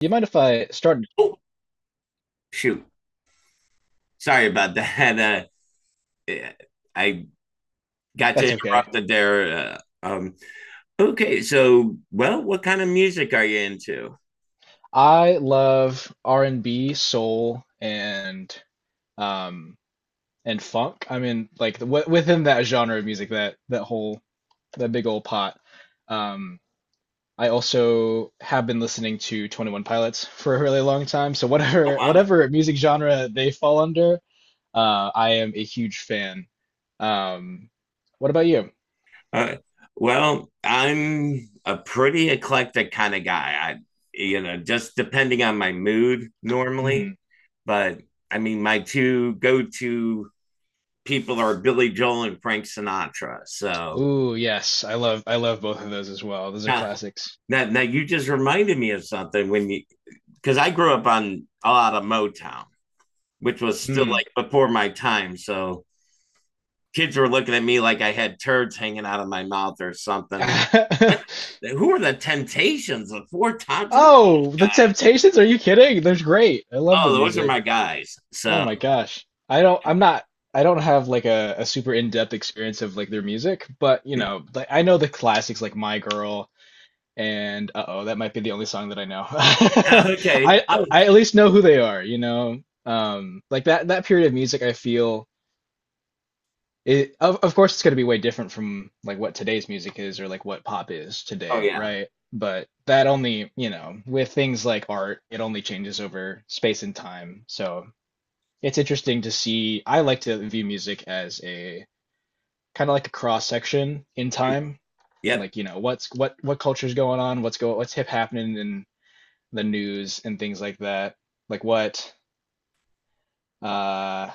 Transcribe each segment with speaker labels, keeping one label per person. Speaker 1: You mind if I start?
Speaker 2: Oh, shoot. Sorry about that. Uh, I got you
Speaker 1: That's okay.
Speaker 2: interrupted there. Uh, um, what kind of music are you into?
Speaker 1: I love R&B, soul, um and funk. I mean, like w within that genre of music, that whole that big old pot. Um, I also have been listening to 21 Pilots for a really long time. So
Speaker 2: Oh,
Speaker 1: whatever
Speaker 2: wow.
Speaker 1: whatever music genre they fall under, I am a huge fan. Um, what about you?
Speaker 2: Uh, well, I'm a pretty eclectic kind of guy. You know, just depending on my mood
Speaker 1: Hmm.
Speaker 2: normally. But I mean, my two go to people are Billy Joel and Frank Sinatra. So,
Speaker 1: Ooh, yes, I love both of those as well. Those are
Speaker 2: yeah.
Speaker 1: classics.
Speaker 2: Now you just reminded me of something when you because I grew up on a lot of Motown, which was still
Speaker 1: Hmm.
Speaker 2: like before my time. So kids were looking at me like I had turds hanging out of my mouth or something. What? Who are the Temptations? The Four Tops?
Speaker 1: Oh, The Temptations? Are you kidding? They're great. I love
Speaker 2: Oh,
Speaker 1: their
Speaker 2: those are
Speaker 1: music.
Speaker 2: my guys.
Speaker 1: Oh
Speaker 2: So
Speaker 1: my gosh. I'm not I don't have like a super in-depth experience of like their music, but you know, like I know the classics like My Girl and uh-oh, that might be the only song that I know.
Speaker 2: okay.
Speaker 1: I, I
Speaker 2: Oh,
Speaker 1: I at least know who they are, you know. Like that period of music I feel it of course it's going to be way different from like what today's music is or like what pop is
Speaker 2: oh
Speaker 1: today,
Speaker 2: yeah.
Speaker 1: right? But that only, you know, with things like art, it only changes over space and time. So it's interesting to see. I like to view music as a kind of like a cross section in time,
Speaker 2: Yep.
Speaker 1: like you know what's what culture's going on, what's hip, happening in the news and things like that, like what uh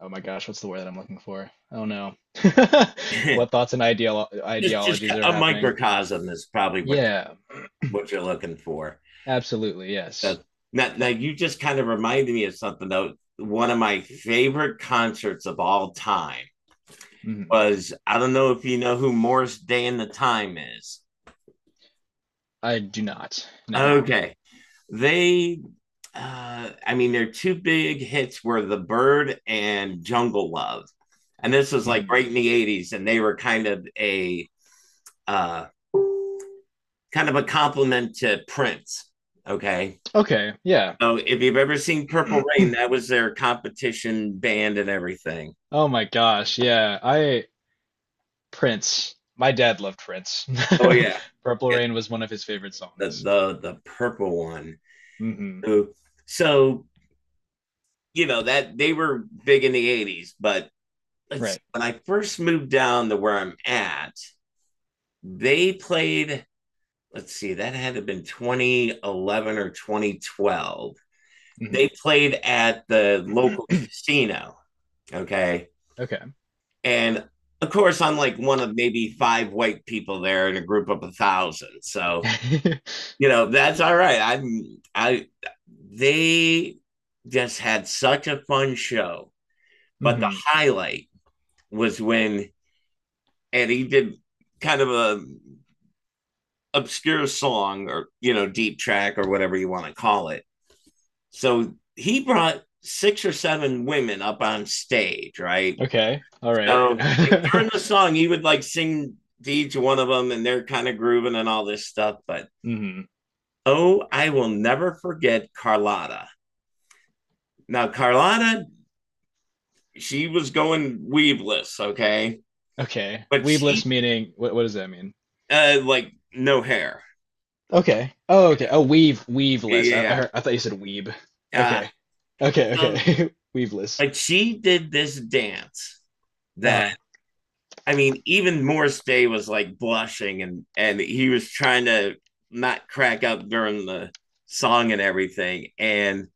Speaker 1: oh my gosh, what's the word that I'm looking for? Oh no. What thoughts and
Speaker 2: Just
Speaker 1: ideologies are
Speaker 2: a
Speaker 1: happening?
Speaker 2: microcosm is probably
Speaker 1: Yeah,
Speaker 2: what you're looking for.
Speaker 1: absolutely,
Speaker 2: Uh,
Speaker 1: yes.
Speaker 2: now you just kind of reminded me of something though. One of my favorite concerts of all time
Speaker 1: Hmm.
Speaker 2: was, I don't know if you know who Morris Day and the Time is.
Speaker 1: I do not. No.
Speaker 2: Okay. They, I mean, their two big hits were The Bird and Jungle Love. And this was like
Speaker 1: Hmm.
Speaker 2: right in the 80s, and they were uh, kind of a compliment to Prince. Okay.
Speaker 1: Okay, yeah.
Speaker 2: So if you've ever seen Purple Rain, that was their competition band and everything.
Speaker 1: Oh my gosh, yeah. I Prince. My dad loved Prince.
Speaker 2: Oh yeah.
Speaker 1: Purple
Speaker 2: Yeah.
Speaker 1: Rain was one of his favorite
Speaker 2: The
Speaker 1: songs.
Speaker 2: the the purple one.
Speaker 1: Hmm.
Speaker 2: So so you know that they were big in the 80s, but let's
Speaker 1: Right.
Speaker 2: see, when I first moved down to where I'm at, they played, let's see, that had to have been 2011 or 2012.
Speaker 1: Hmm.
Speaker 2: They played at the local casino, okay,
Speaker 1: Okay.
Speaker 2: and of course I'm like one of maybe five white people there in a group of a thousand. So you know that's all right. I'm I they just had such a fun show. But the
Speaker 1: Hmm.
Speaker 2: highlight was when, and he did kind of a obscure song, or you know, deep track or whatever you want to call it. So he brought six or seven women up on stage, right?
Speaker 1: Okay. All right.
Speaker 2: So like, during the song, he would like sing to each one of them, and they're kind of grooving and all this stuff. But
Speaker 1: Hmm.
Speaker 2: oh, I will never forget Carlotta. Now Carlotta, she was going weaveless, okay,
Speaker 1: Okay.
Speaker 2: but she
Speaker 1: Weebless meaning what does that mean?
Speaker 2: like no hair.
Speaker 1: Okay. Oh, okay. Oh, weave
Speaker 2: Yeah,
Speaker 1: weaveless. I
Speaker 2: yeah.
Speaker 1: heard. I thought you said weeb.
Speaker 2: Yeah.
Speaker 1: Okay. Okay.
Speaker 2: So,
Speaker 1: Okay. Weaveless.
Speaker 2: like she did this dance that,
Speaker 1: Uh
Speaker 2: I mean, even Morris Day was like blushing, and he was trying to not crack up during the song and everything. And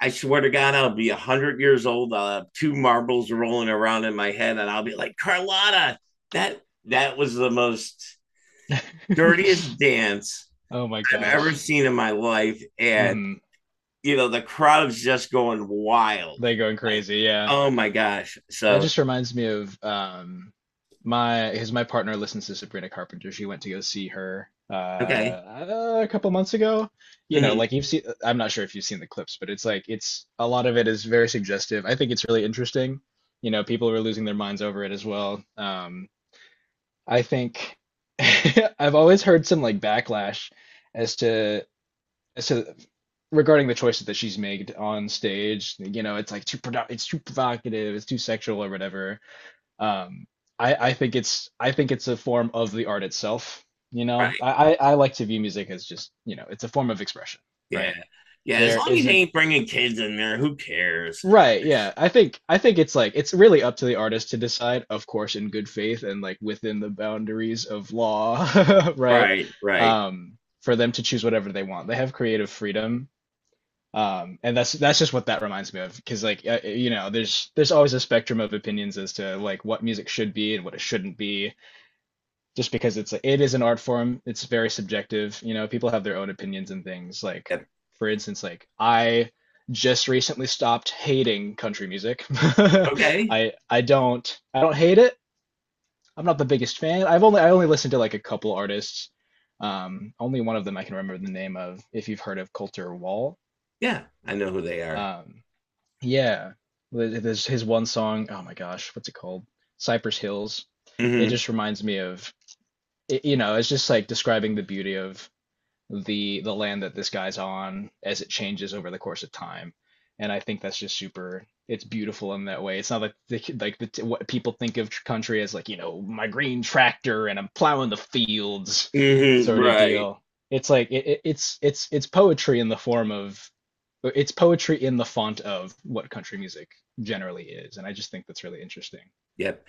Speaker 2: I swear to God, I'll be 100 years old. I'll have two marbles rolling around in my head, and I'll be like, Carlotta, that that was the most
Speaker 1: huh.
Speaker 2: dirtiest dance
Speaker 1: Oh my
Speaker 2: I've ever
Speaker 1: gosh.
Speaker 2: seen in my life. And
Speaker 1: Hmm.
Speaker 2: you know, the crowd's just going wild.
Speaker 1: They're going
Speaker 2: Like,
Speaker 1: crazy. Yeah.
Speaker 2: oh my gosh.
Speaker 1: That
Speaker 2: So
Speaker 1: just reminds me of my, because my partner listens to Sabrina Carpenter. She went to go see her
Speaker 2: okay.
Speaker 1: a couple months ago. You know,
Speaker 2: Mm-hmm.
Speaker 1: like you've seen. I'm not sure if you've seen the clips, but it's like it's a lot of it is very suggestive. I think it's really interesting. You know, people were losing their minds over it as well. I think I've always heard some like backlash as to as to regarding the choices that she's made on stage. You know, it's like it's too provocative, it's too sexual or whatever. Um, I think it's I think it's a form of the art itself. You know,
Speaker 2: Right.
Speaker 1: I like to view music as just, you know, it's a form of expression,
Speaker 2: Yeah.
Speaker 1: right?
Speaker 2: Yeah. As
Speaker 1: There
Speaker 2: long as you
Speaker 1: isn't
Speaker 2: ain't bringing kids in there, who cares?
Speaker 1: Right,
Speaker 2: It's-
Speaker 1: yeah. I think it's like it's really up to the artist to decide, of course, in good faith and like within the boundaries of law, right?
Speaker 2: right. Right.
Speaker 1: For them to choose whatever they want. They have creative freedom. And that's just what that reminds me of, because like you know, there's always a spectrum of opinions as to like what music should be and what it shouldn't be, just because it's it is an art form. It's very subjective. You know, people have their own opinions and things like,
Speaker 2: Yep.
Speaker 1: for instance, like I just recently stopped hating country music.
Speaker 2: Okay.
Speaker 1: I don't hate it. I'm not the biggest fan. I only listened to like a couple artists. Only one of them I can remember the name of. If you've heard of Coulter Wall,
Speaker 2: Yeah. I know who they are.
Speaker 1: um yeah, there's his one song, oh my gosh, what's it called? Cypress Hills. It
Speaker 2: Hmm
Speaker 1: just reminds me of it, you know, it's just like describing the beauty of the land that this guy's on as it changes over the course of time. And I think that's just super, it's beautiful in that way. It's not like what people think of country as, like, you know, my green tractor and I'm plowing the fields
Speaker 2: hmm
Speaker 1: sort of
Speaker 2: Right.
Speaker 1: deal. It's like it, it's poetry in the form of it's poetry in the font of what country music generally is, and I just think that's really interesting.
Speaker 2: Yep.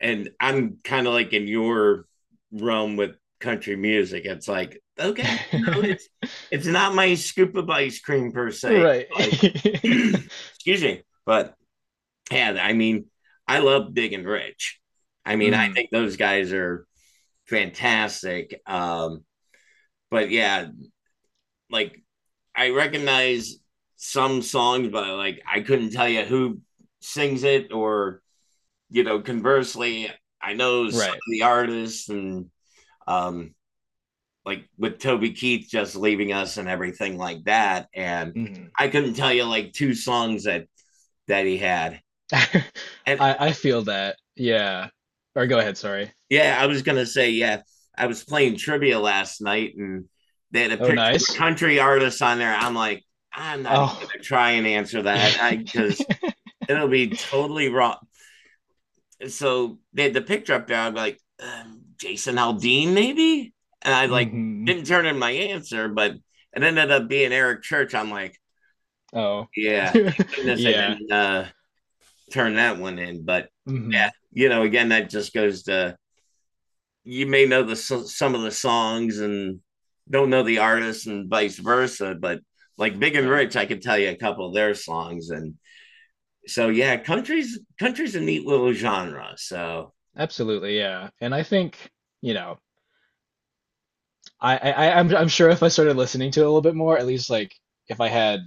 Speaker 2: And I'm kind of like in your realm with country music. It's like, okay, no, it's not my scoop of ice cream per se,
Speaker 1: Right.
Speaker 2: but excuse me. But yeah, I mean, I love Big and Rich. I mean, I
Speaker 1: Mm,
Speaker 2: think those guys are fantastic. But yeah, like I recognize some songs, but like I couldn't tell you who sings it, or you know, conversely, I know some
Speaker 1: right.
Speaker 2: of the artists. And um like with Toby Keith just leaving us and everything like that. And
Speaker 1: Mhm.
Speaker 2: I couldn't tell you like two songs that that he had.
Speaker 1: I
Speaker 2: And
Speaker 1: I feel that. Yeah. Or go ahead, sorry.
Speaker 2: yeah, I was gonna say, yeah. I was playing trivia last night and they had a
Speaker 1: Oh,
Speaker 2: picture of a
Speaker 1: nice.
Speaker 2: country artist on there. I'm like, I'm not even
Speaker 1: Oh,
Speaker 2: gonna try and answer that. I
Speaker 1: yeah.
Speaker 2: because it'll be totally wrong. So they had the picture up there. I'm like, Jason Aldean, maybe? And I like
Speaker 1: Hmm.
Speaker 2: didn't turn in my answer, but it ended up being Eric Church. I'm like,
Speaker 1: Oh.
Speaker 2: yeah, thank goodness I
Speaker 1: Yeah.
Speaker 2: didn't turn that one in. But
Speaker 1: Hmm.
Speaker 2: yeah, you know, again, that just goes to, you may know the so, some of the songs and don't know the artists and vice versa, but like Big and
Speaker 1: Right.
Speaker 2: Rich, I could tell you a couple of their songs. And so yeah, country's a neat little genre. So
Speaker 1: Absolutely, yeah. And I think, you know, I'm sure if I started listening to it a little bit more, at least like if I had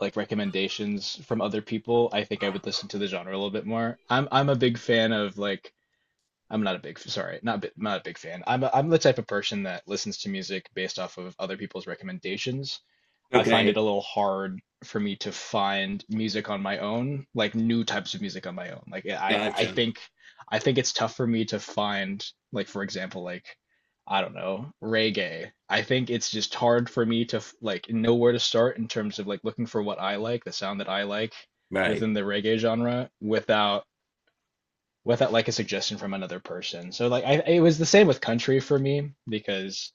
Speaker 1: like recommendations from other people, I think I would listen to the genre a little bit more. I'm a big fan of like I'm not a big, sorry, not a big fan. I'm the type of person that listens to music based off of other people's recommendations. I find it a
Speaker 2: okay,
Speaker 1: little hard for me to find music on my own, like new types of music on my own. Like yeah, I
Speaker 2: gotcha.
Speaker 1: think I think it's tough for me to find like for example like I don't know, reggae. I think it's just hard for me to like know where to start in terms of like looking for what I like, the sound that I like
Speaker 2: Right.
Speaker 1: within the reggae genre without like a suggestion from another person. So like I it was the same with country for me because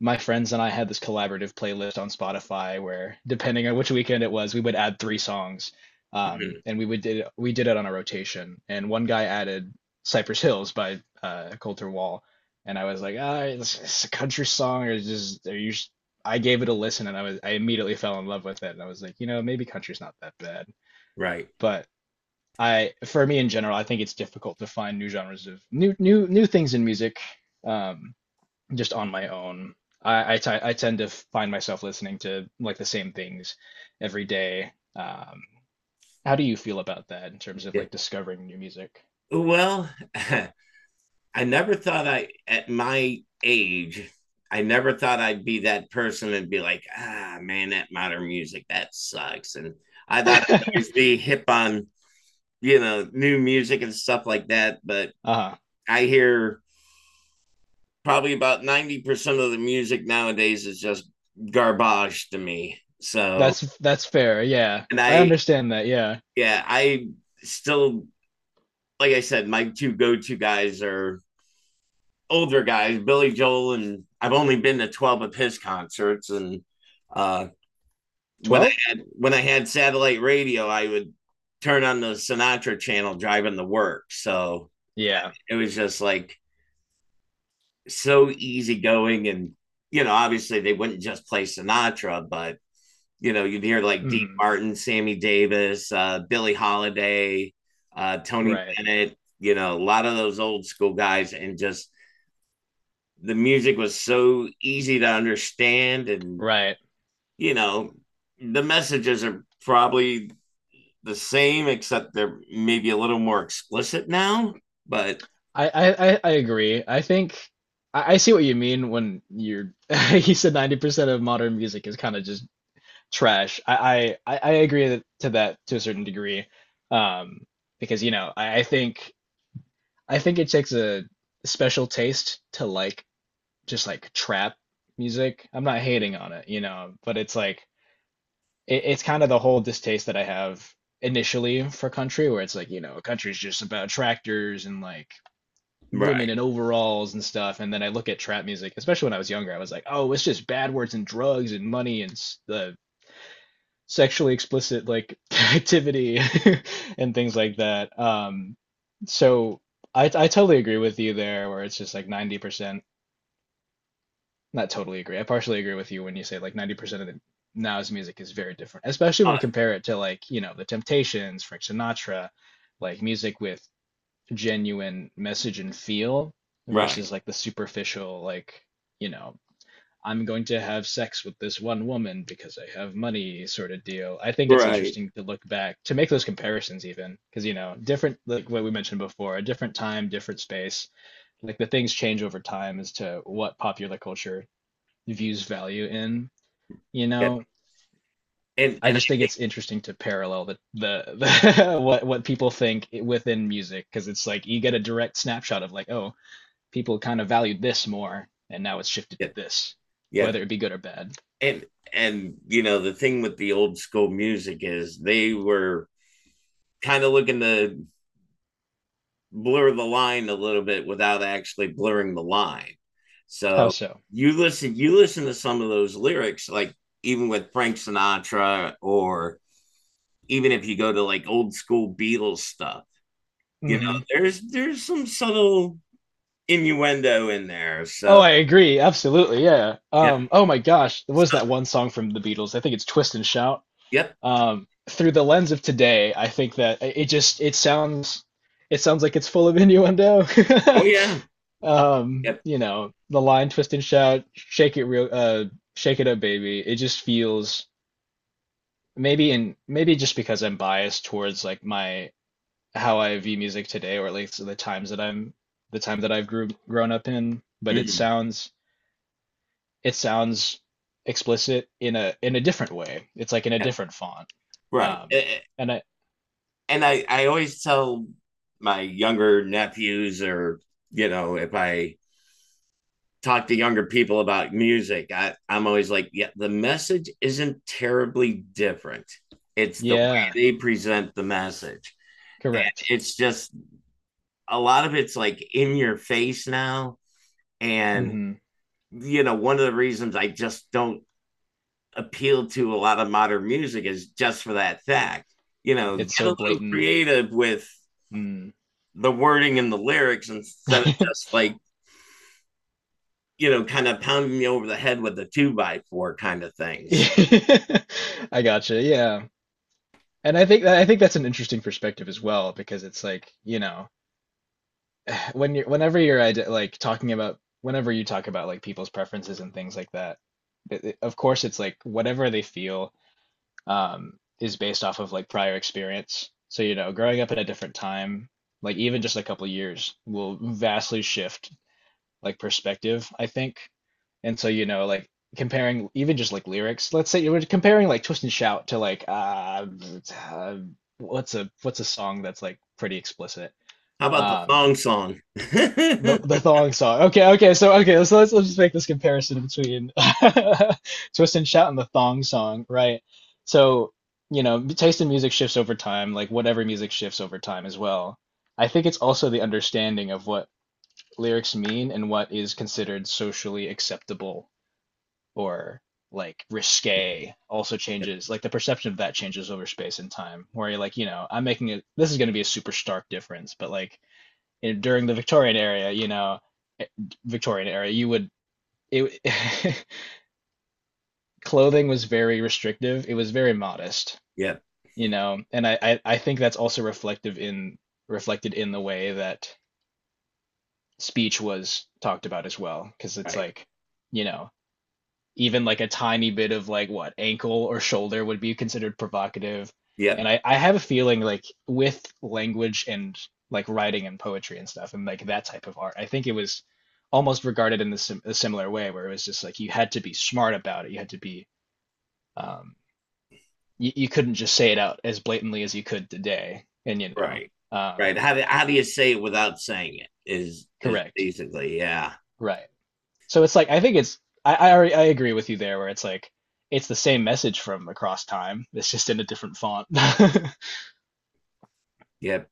Speaker 1: my friends and I had this collaborative playlist on Spotify where, depending on which weekend it was, we would add three songs.
Speaker 2: Mm-hmm.
Speaker 1: And we would did it on a rotation. And one guy added Cypress Hills by Coulter Wall, and I was like, ah, it's a country song, or just are you? I gave it a listen, and I immediately fell in love with it, and I was like, you know, maybe country's not that bad.
Speaker 2: Right.
Speaker 1: But I for me in general, I think it's difficult to find new genres of new things in music, um just on my own. I tend to find myself listening to like the same things every day. How do you feel about that in terms of
Speaker 2: Yeah.
Speaker 1: like discovering new music?
Speaker 2: Well, I never thought I, at my age, I never thought I'd be that person and be like, ah man, that modern music, that sucks. And I thought I'd always be hip on, you know, new music and stuff like that. But
Speaker 1: Uh-huh.
Speaker 2: I hear probably about 90% of the music nowadays is just garbage to me. So,
Speaker 1: That's fair. Yeah.
Speaker 2: and
Speaker 1: I
Speaker 2: I,
Speaker 1: understand that. Yeah.
Speaker 2: yeah, I still, like I said, my two go to guys are older guys, Billy Joel, and I've only been to 12 of his concerts. And, uh, when I
Speaker 1: 12?
Speaker 2: had when I had satellite radio, I would turn on the Sinatra channel driving to work. So
Speaker 1: Yeah.
Speaker 2: it was just like so easygoing. And you know, obviously they wouldn't just play Sinatra, but you know, you'd hear like Dean
Speaker 1: Hmm.
Speaker 2: Martin, Sammy Davis, Billie Holiday, Tony
Speaker 1: Right.
Speaker 2: Bennett, you know, a lot of those old school guys, and just the music was so easy to understand, and
Speaker 1: Right.
Speaker 2: you know, the messages are probably the same, except they're maybe a little more explicit now. But
Speaker 1: I I agree. I think I see what you mean when you're you said 90% of modern music is kind of just trash. I I agree that, to that to a certain degree. Um, because you know, I think it takes a special taste to like just like trap music. I'm not hating on it, you know, but it's like it's kind of the whole distaste that I have initially for country where it's like, you know, country is just about tractors and like women
Speaker 2: right,
Speaker 1: in overalls and stuff. And then I look at trap music, especially when I was younger, I was like, oh, it's just bad words and drugs and money and the sexually explicit like activity and things like that. So I totally agree with you there where it's just like 90% not totally agree, I partially agree with you when you say like 90% of the now's music is very different, especially when
Speaker 2: uh,
Speaker 1: you compare it to, like, you know, the Temptations, Frank Sinatra, like music with genuine message and feel
Speaker 2: right,
Speaker 1: versus like the superficial, like, you know, I'm going to have sex with this one woman because I have money sort of deal. I think it's
Speaker 2: right,
Speaker 1: interesting to look back to make those comparisons, even because, you know, different, like what we mentioned before, a different time, different space, like the things change over time as to what popular culture views value in, you
Speaker 2: yeah,
Speaker 1: know,
Speaker 2: and
Speaker 1: I
Speaker 2: and
Speaker 1: just
Speaker 2: I
Speaker 1: think
Speaker 2: think
Speaker 1: it's interesting to parallel the what people think within music, because it's like you get a direct snapshot of like, oh, people kind of valued this more, and now it's shifted
Speaker 2: yeah,
Speaker 1: to this,
Speaker 2: yeah,
Speaker 1: whether it be good or bad.
Speaker 2: and and you know the thing with the old school music is they were kind of looking to blur the line a little bit without actually blurring the line.
Speaker 1: How
Speaker 2: So
Speaker 1: so?
Speaker 2: you listen to some of those lyrics like even with Frank Sinatra, or even if you go to like old school Beatles stuff, you know,
Speaker 1: Hmm.
Speaker 2: there's some subtle innuendo in there.
Speaker 1: Oh,
Speaker 2: So
Speaker 1: I agree. Absolutely. Yeah.
Speaker 2: yep,
Speaker 1: Oh my gosh. There
Speaker 2: so,
Speaker 1: was that one song from the Beatles. I think it's Twist and Shout.
Speaker 2: yep,
Speaker 1: Through the lens of today, I think that it just it sounds like it's full of innuendo.
Speaker 2: oh yeah, yep,
Speaker 1: You know, the line Twist and Shout, shake it real shake it up, baby. It just feels maybe in maybe just because I'm biased towards like my how I view music today, or at least the time that I've grew grown up in. But
Speaker 2: mm,
Speaker 1: it sounds explicit in a different way. It's like in a
Speaker 2: yep,
Speaker 1: different font.
Speaker 2: right.
Speaker 1: Um, and I
Speaker 2: And I always tell my younger nephews, or you know if I talk to younger people about music, I'm always like, yeah, the message isn't terribly different, it's the way
Speaker 1: yeah,
Speaker 2: they present the message. And
Speaker 1: correct.
Speaker 2: it's just a lot of it's like in your face now. And
Speaker 1: Hmm.
Speaker 2: you know, one of the reasons I just don't appeal to a lot of modern music is just for that fact. You know,
Speaker 1: It's
Speaker 2: get
Speaker 1: so
Speaker 2: a little
Speaker 1: blatant.
Speaker 2: creative with
Speaker 1: Mm.
Speaker 2: the wording and the lyrics instead of just like, you know, kind of pounding me over the head with the two by four kind of things.
Speaker 1: I gotcha. Yeah. And I think that I think that's an interesting perspective as well, because it's like, you know, when you're like talking about whenever you talk about like people's preferences and things like that, of course it's like whatever they feel, um is based off of like prior experience. So you know, growing up at a different time, like even just a couple years will vastly shift like perspective, I think. And so you know like comparing even just like lyrics, let's say you were comparing like Twist and Shout to like uh what's a song that's like pretty explicit.
Speaker 2: How about the
Speaker 1: Um,
Speaker 2: thong song? yep,
Speaker 1: the thong song. Okay, okay, so okay, so let's just make this comparison between Twist and Shout and the thong song, right? So, you know, taste in music shifts over time, like whatever music shifts over time as well. I think it's also the understanding of what lyrics mean and what is considered socially acceptable or like risque also changes. Like the perception of that changes over space and time, where you're like, you know, I'm making it, this is going to be a super stark difference, but like you know, during the Victorian era, you know, eh, Victorian era, you would it clothing was very restrictive. It was very modest,
Speaker 2: yep,
Speaker 1: you know. And I I think that's also reflective in reflected in the way that speech was talked about as well, because it's
Speaker 2: right.
Speaker 1: like, you know, even like a tiny bit of like what ankle or shoulder would be considered provocative.
Speaker 2: Yep,
Speaker 1: And I have a feeling like with language and like writing and poetry and stuff and like that type of art, I think it was almost regarded in the sim a similar way where it was just like you had to be smart about it. You had to be um you couldn't just say it out as blatantly as you could today. And you know,
Speaker 2: right. Right.
Speaker 1: um
Speaker 2: How do you say it without saying it? Is
Speaker 1: correct.
Speaker 2: basically, yeah.
Speaker 1: Right. So it's like I think it's I, already, I agree with you there where it's like it's the same message from across time. It's just in a different font.
Speaker 2: Yep.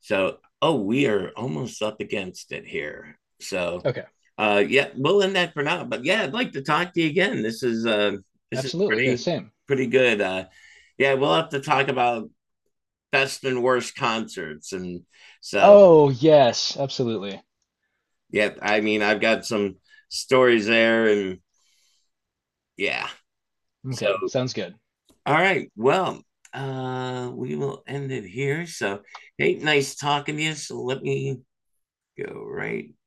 Speaker 2: So oh, we are almost up against it here. So
Speaker 1: Okay.
Speaker 2: yeah, we'll end that for now. But yeah, I'd like to talk to you again. This is
Speaker 1: Absolutely. Yeah,
Speaker 2: pretty
Speaker 1: same.
Speaker 2: pretty good. Yeah, we'll have to talk about best and worst concerts. And so,
Speaker 1: Oh, yes, absolutely.
Speaker 2: yeah, I mean, I've got some stories there. And yeah. So,
Speaker 1: Okay. Sounds good.
Speaker 2: all right. Well, we will end it here. So, hey, nice talking to you. So, let me go right